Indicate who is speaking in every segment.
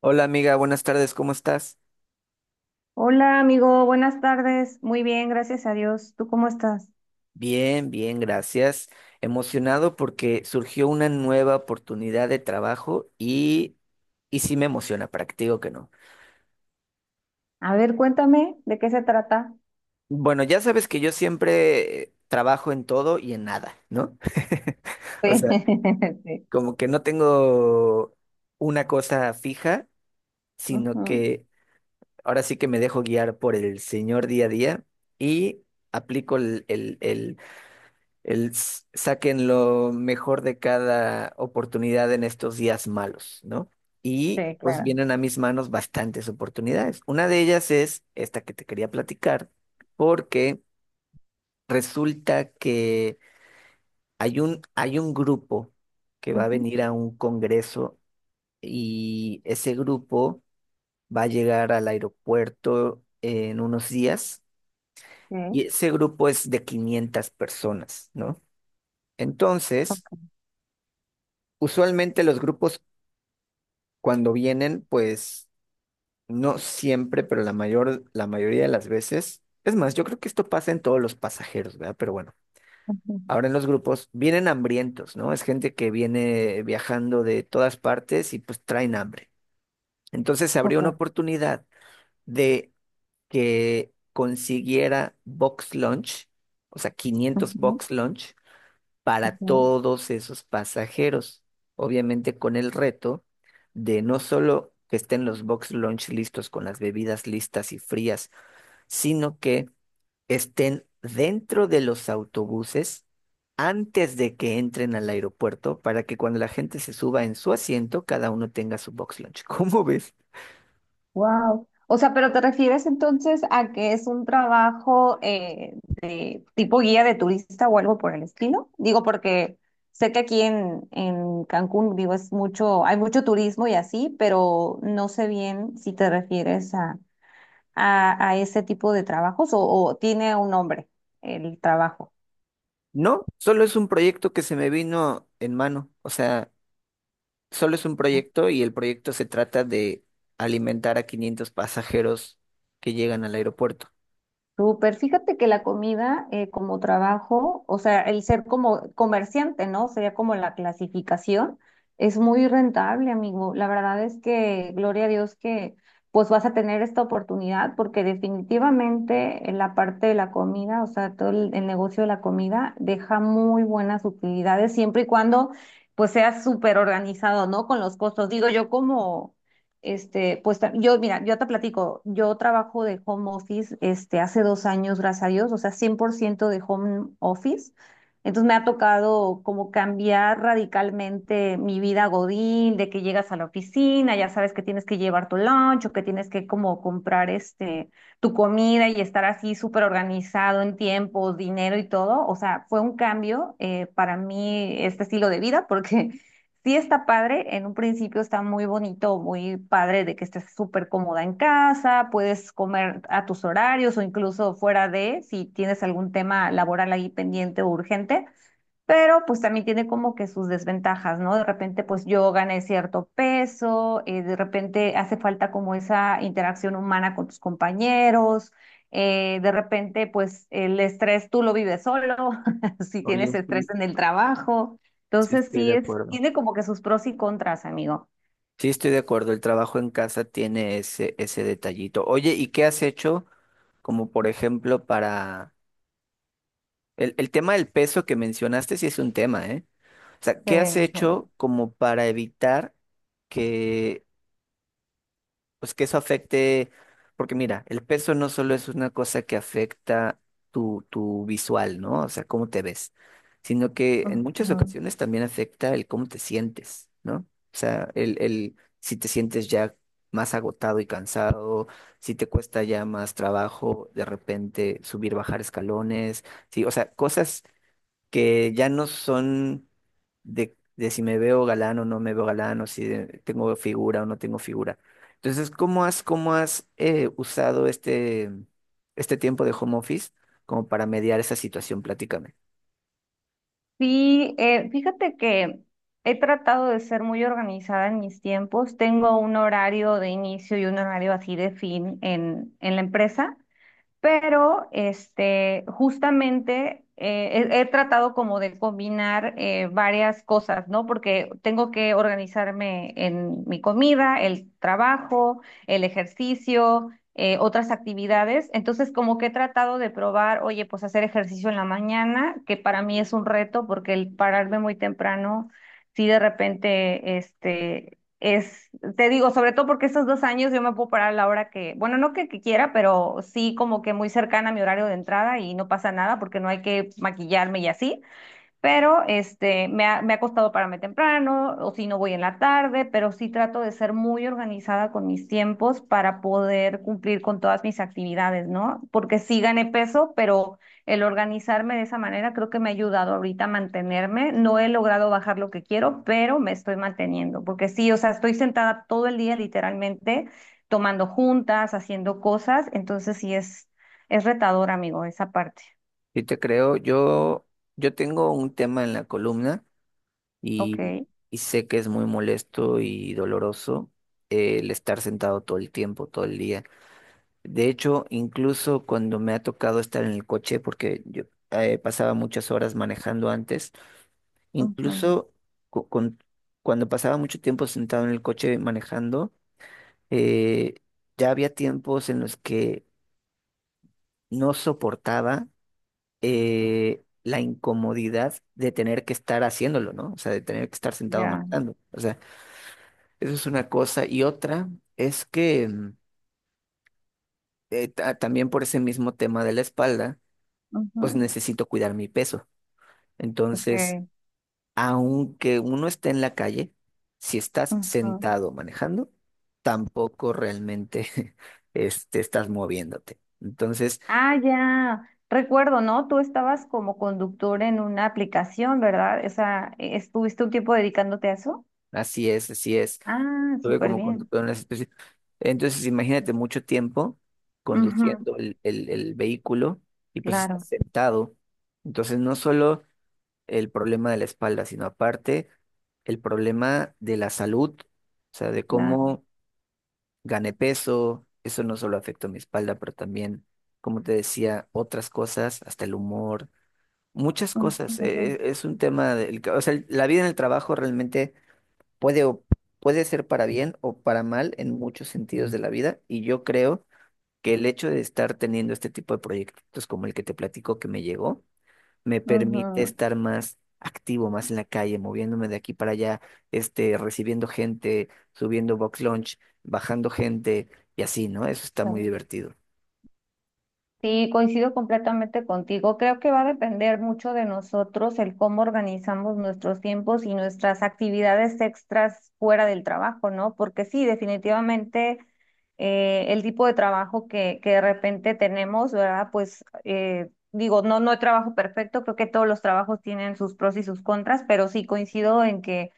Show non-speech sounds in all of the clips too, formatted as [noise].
Speaker 1: Hola amiga, buenas tardes, ¿cómo estás?
Speaker 2: Hola amigo, buenas tardes. Muy bien, gracias a Dios. ¿Tú cómo estás?
Speaker 1: Bien, bien, gracias. Emocionado porque surgió una nueva oportunidad de trabajo y sí me emociona, para que te digo que no.
Speaker 2: A ver, cuéntame de qué se trata.
Speaker 1: Bueno, ya sabes que yo siempre trabajo en todo y en nada, ¿no? [laughs] O
Speaker 2: Sí,
Speaker 1: sea,
Speaker 2: [laughs] sí.
Speaker 1: como que no tengo una cosa fija, sino
Speaker 2: Ujú.
Speaker 1: que ahora sí que me dejo guiar por el señor día a día y aplico el saquen lo mejor de cada oportunidad en estos días malos, ¿no? Y
Speaker 2: Sí,
Speaker 1: pues
Speaker 2: claro.
Speaker 1: vienen a mis manos bastantes oportunidades. Una de ellas es esta que te quería platicar, porque resulta que hay un grupo que va a
Speaker 2: Ujú.
Speaker 1: venir a un congreso y ese grupo va a llegar al aeropuerto en unos días y
Speaker 2: Sí.
Speaker 1: ese grupo es de 500 personas, ¿no? Entonces, usualmente los grupos cuando vienen, pues no siempre, pero la mayoría de las veces, es más, yo creo que esto pasa en todos los pasajeros, ¿verdad? Pero bueno,
Speaker 2: Ujú.
Speaker 1: ahora en los grupos vienen hambrientos, ¿no? Es gente que viene viajando de todas partes y pues traen hambre. Entonces se abrió
Speaker 2: Ok.
Speaker 1: una oportunidad de que consiguiera box lunch, o sea, 500 box lunch para todos esos pasajeros, obviamente con el reto de no solo que estén los box lunch listos con las bebidas listas y frías, sino que estén dentro de los autobuses antes de que entren al aeropuerto para que cuando la gente se suba en su asiento, cada uno tenga su box lunch. [laughs] ¿Cómo ves?
Speaker 2: Wow. O sea, ¿pero te refieres entonces a que es un trabajo de tipo guía de turista o algo por el estilo? Digo, porque sé que aquí en Cancún, digo, es mucho, hay mucho turismo y así, pero no sé bien si te refieres a ese tipo de trabajos o tiene un nombre el trabajo.
Speaker 1: No, solo es un proyecto que se me vino en mano. O sea, solo es un proyecto y el proyecto se trata de alimentar a 500 pasajeros que llegan al aeropuerto.
Speaker 2: Súper, fíjate que la comida como trabajo, o sea, el ser como comerciante, ¿no? Sería como la clasificación, es muy rentable, amigo. La verdad es que, gloria a Dios que pues vas a tener esta oportunidad, porque definitivamente en la parte de la comida, o sea, todo el negocio de la comida deja muy buenas utilidades siempre y cuando pues seas súper organizado, ¿no? Con los costos. Digo, yo como yo, mira, yo te platico, yo trabajo de home office, hace 2 años, gracias a Dios, o sea, 100% de home office. Entonces me ha tocado como cambiar radicalmente mi vida godín, de que llegas a la oficina, ya sabes que tienes que llevar tu lunch o que tienes que como comprar tu comida y estar así súper organizado en tiempo, dinero y todo. O sea, fue un cambio para mí este estilo de vida, porque sí está padre, en un principio está muy bonito, muy padre de que estés súper cómoda en casa, puedes comer a tus horarios o incluso fuera de, si tienes algún tema laboral ahí pendiente o urgente, pero pues también tiene como que sus desventajas, ¿no? De repente pues yo gané cierto peso, de repente hace falta como esa interacción humana con tus compañeros, de repente pues el estrés tú lo vives solo, [laughs] si
Speaker 1: Oye,
Speaker 2: tienes estrés
Speaker 1: sí,
Speaker 2: en el trabajo.
Speaker 1: sí
Speaker 2: Entonces
Speaker 1: estoy de
Speaker 2: sí es,
Speaker 1: acuerdo.
Speaker 2: tiene como que sus pros y contras, amigo.
Speaker 1: Sí, estoy de acuerdo, el trabajo en casa tiene ese detallito. Oye, ¿y qué has hecho como por ejemplo para el tema del peso que mencionaste, sí es un tema, ¿eh? O sea,
Speaker 2: Sí.
Speaker 1: ¿qué has hecho como para evitar que pues que eso afecte, porque mira, el peso no solo es una cosa que afecta tu visual, ¿no? O sea, cómo te ves, sino que en muchas
Speaker 2: Ujú.
Speaker 1: ocasiones también afecta el cómo te sientes, ¿no? O sea, el si te sientes ya más agotado y cansado, si te cuesta ya más trabajo de repente subir, bajar escalones, sí, o sea, cosas que ya no son de si me veo galán o no me veo galán, o si tengo figura o no tengo figura. Entonces, ¿cómo has usado este tiempo de home office como para mediar esa situación? Platícame.
Speaker 2: Sí, fíjate que he tratado de ser muy organizada en mis tiempos. Tengo un horario de inicio y un horario así de fin en la empresa. Pero justamente he tratado como de combinar varias cosas, ¿no? Porque tengo que organizarme en mi comida, el trabajo, el ejercicio, otras actividades. Entonces, como que he tratado de probar, oye, pues hacer ejercicio en la mañana, que para mí es un reto porque el pararme muy temprano, sí de repente, es, te digo, sobre todo porque estos 2 años yo me puedo parar a la hora que, bueno, no que quiera, pero sí como que muy cercana a mi horario de entrada y no pasa nada porque no hay que maquillarme y así. Pero me ha costado pararme temprano, o si no voy en la tarde, pero sí trato de ser muy organizada con mis tiempos para poder cumplir con todas mis actividades, ¿no? Porque sí gané peso, pero el organizarme de esa manera creo que me ha ayudado ahorita a mantenerme. No he logrado bajar lo que quiero, pero me estoy manteniendo, porque sí, o sea, estoy sentada todo el día literalmente, tomando juntas, haciendo cosas, entonces sí es retador, amigo, esa parte.
Speaker 1: Yo te creo, yo tengo un tema en la columna y,
Speaker 2: Ok.
Speaker 1: y sé que es muy molesto y doloroso el estar sentado todo el tiempo, todo el día. De hecho, incluso cuando me ha tocado estar en el coche, porque yo pasaba muchas horas manejando antes,
Speaker 2: Ujú.
Speaker 1: incluso cu- con- cuando pasaba mucho tiempo sentado en el coche manejando, eh, ya había tiempos en los que no soportaba la incomodidad de tener que estar haciéndolo, ¿no? O sea, de tener que estar sentado
Speaker 2: Ya.
Speaker 1: manejando. O sea, eso es una cosa. Y otra es que también por ese mismo tema de la espalda,
Speaker 2: Ujú.
Speaker 1: pues necesito cuidar mi peso. Entonces,
Speaker 2: Okay.
Speaker 1: aunque uno esté en la calle, si estás
Speaker 2: Ujú.
Speaker 1: sentado manejando, tampoco realmente [laughs] estás moviéndote. Entonces,
Speaker 2: Ah, ya. Recuerdo, ¿no? Tú estabas como conductor en una aplicación, ¿verdad? ¿Estuviste un tiempo dedicándote a eso?
Speaker 1: así es, así es.
Speaker 2: Ah,
Speaker 1: Estuve
Speaker 2: súper
Speaker 1: como
Speaker 2: bien.
Speaker 1: conductor en la situación. Entonces, imagínate mucho tiempo
Speaker 2: Ujú.
Speaker 1: conduciendo el vehículo y pues estás
Speaker 2: Claro,
Speaker 1: sentado. Entonces, no solo el problema de la espalda, sino aparte el problema de la salud, o sea, de
Speaker 2: claro.
Speaker 1: cómo gané peso, eso no solo afectó mi espalda, pero también, como te decía, otras cosas, hasta el humor, muchas cosas.
Speaker 2: Ujú,
Speaker 1: Es un tema del, que- o sea, el- la vida en el trabajo realmente puede, o- puede ser para bien o para mal en muchos sentidos de la vida, y yo creo que el hecho de estar teniendo este tipo de proyectos como el que te platico que me llegó, me permite
Speaker 2: ujú.
Speaker 1: estar más activo, más en la calle, moviéndome de aquí para allá, recibiendo gente, subiendo box lunch, bajando gente y así, ¿no? Eso está muy divertido.
Speaker 2: Sí, coincido completamente contigo. Creo que va a depender mucho de nosotros el cómo organizamos nuestros tiempos y nuestras actividades extras fuera del trabajo, ¿no? Porque sí, definitivamente el tipo de trabajo que de repente tenemos, ¿verdad? Pues digo, no, no hay trabajo perfecto, creo que todos los trabajos tienen sus pros y sus contras, pero sí coincido en que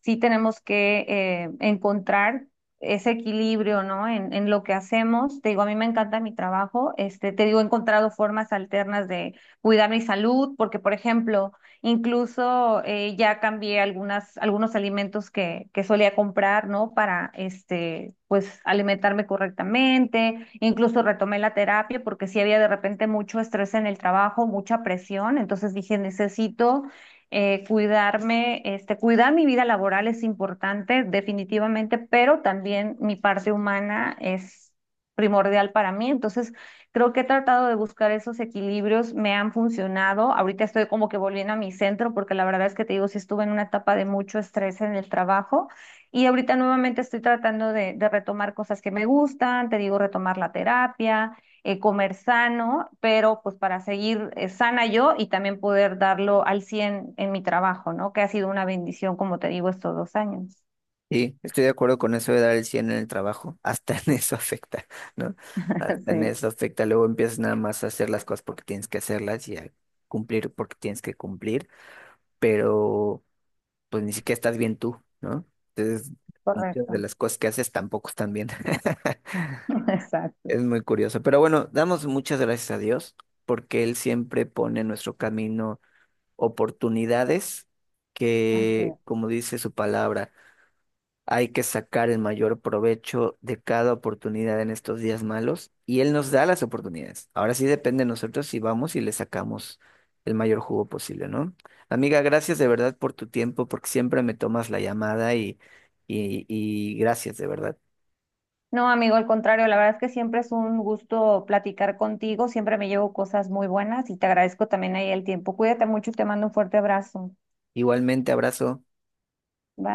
Speaker 2: sí tenemos que encontrar ese equilibrio, ¿no? En lo que hacemos. Te digo, a mí me encanta mi trabajo. Te digo, he encontrado formas alternas de cuidar mi salud, porque, por ejemplo, incluso ya cambié algunos alimentos que solía comprar, ¿no? Para, pues, alimentarme correctamente. Incluso retomé la terapia porque sí había de repente mucho estrés en el trabajo, mucha presión. Entonces dije, necesito cuidarme, cuidar mi vida laboral es importante definitivamente, pero también mi parte humana es primordial para mí. Entonces, creo que he tratado de buscar esos equilibrios, me han funcionado. Ahorita estoy como que volviendo a mi centro, porque la verdad es que te digo, sí estuve en una etapa de mucho estrés en el trabajo. Y ahorita nuevamente estoy tratando de retomar cosas que me gustan, te digo, retomar la terapia, comer sano, pero pues para seguir sana yo y también poder darlo al 100 en mi trabajo, ¿no? Que ha sido una bendición, como te digo, estos 2 años.
Speaker 1: Sí, estoy de acuerdo con eso de dar el 100 en el trabajo. [laughs] Hasta en eso afecta, ¿no?
Speaker 2: [laughs]
Speaker 1: Hasta en
Speaker 2: Sí,
Speaker 1: eso afecta. Luego empiezas nada más a hacer las cosas porque tienes que hacerlas y a cumplir porque tienes que cumplir, pero pues ni siquiera estás bien tú, ¿no? Entonces, muchas de
Speaker 2: correcto.
Speaker 1: las cosas que haces tampoco están bien. [laughs]
Speaker 2: [laughs] Exacto.
Speaker 1: Es muy curioso, pero bueno, damos muchas gracias a Dios porque Él siempre pone en nuestro camino oportunidades
Speaker 2: Así
Speaker 1: que,
Speaker 2: es.
Speaker 1: como dice su palabra, hay que sacar el mayor provecho de cada oportunidad en estos días malos y Él nos da las oportunidades. Ahora sí depende de nosotros si vamos y le sacamos el mayor jugo posible, ¿no? Amiga, gracias de verdad por tu tiempo porque siempre me tomas la llamada y gracias de verdad.
Speaker 2: No, amigo, al contrario, la verdad es que siempre es un gusto platicar contigo, siempre me llevo cosas muy buenas y te agradezco también ahí el tiempo. Cuídate mucho y te mando un fuerte abrazo.
Speaker 1: Igualmente, abrazo.
Speaker 2: Bye.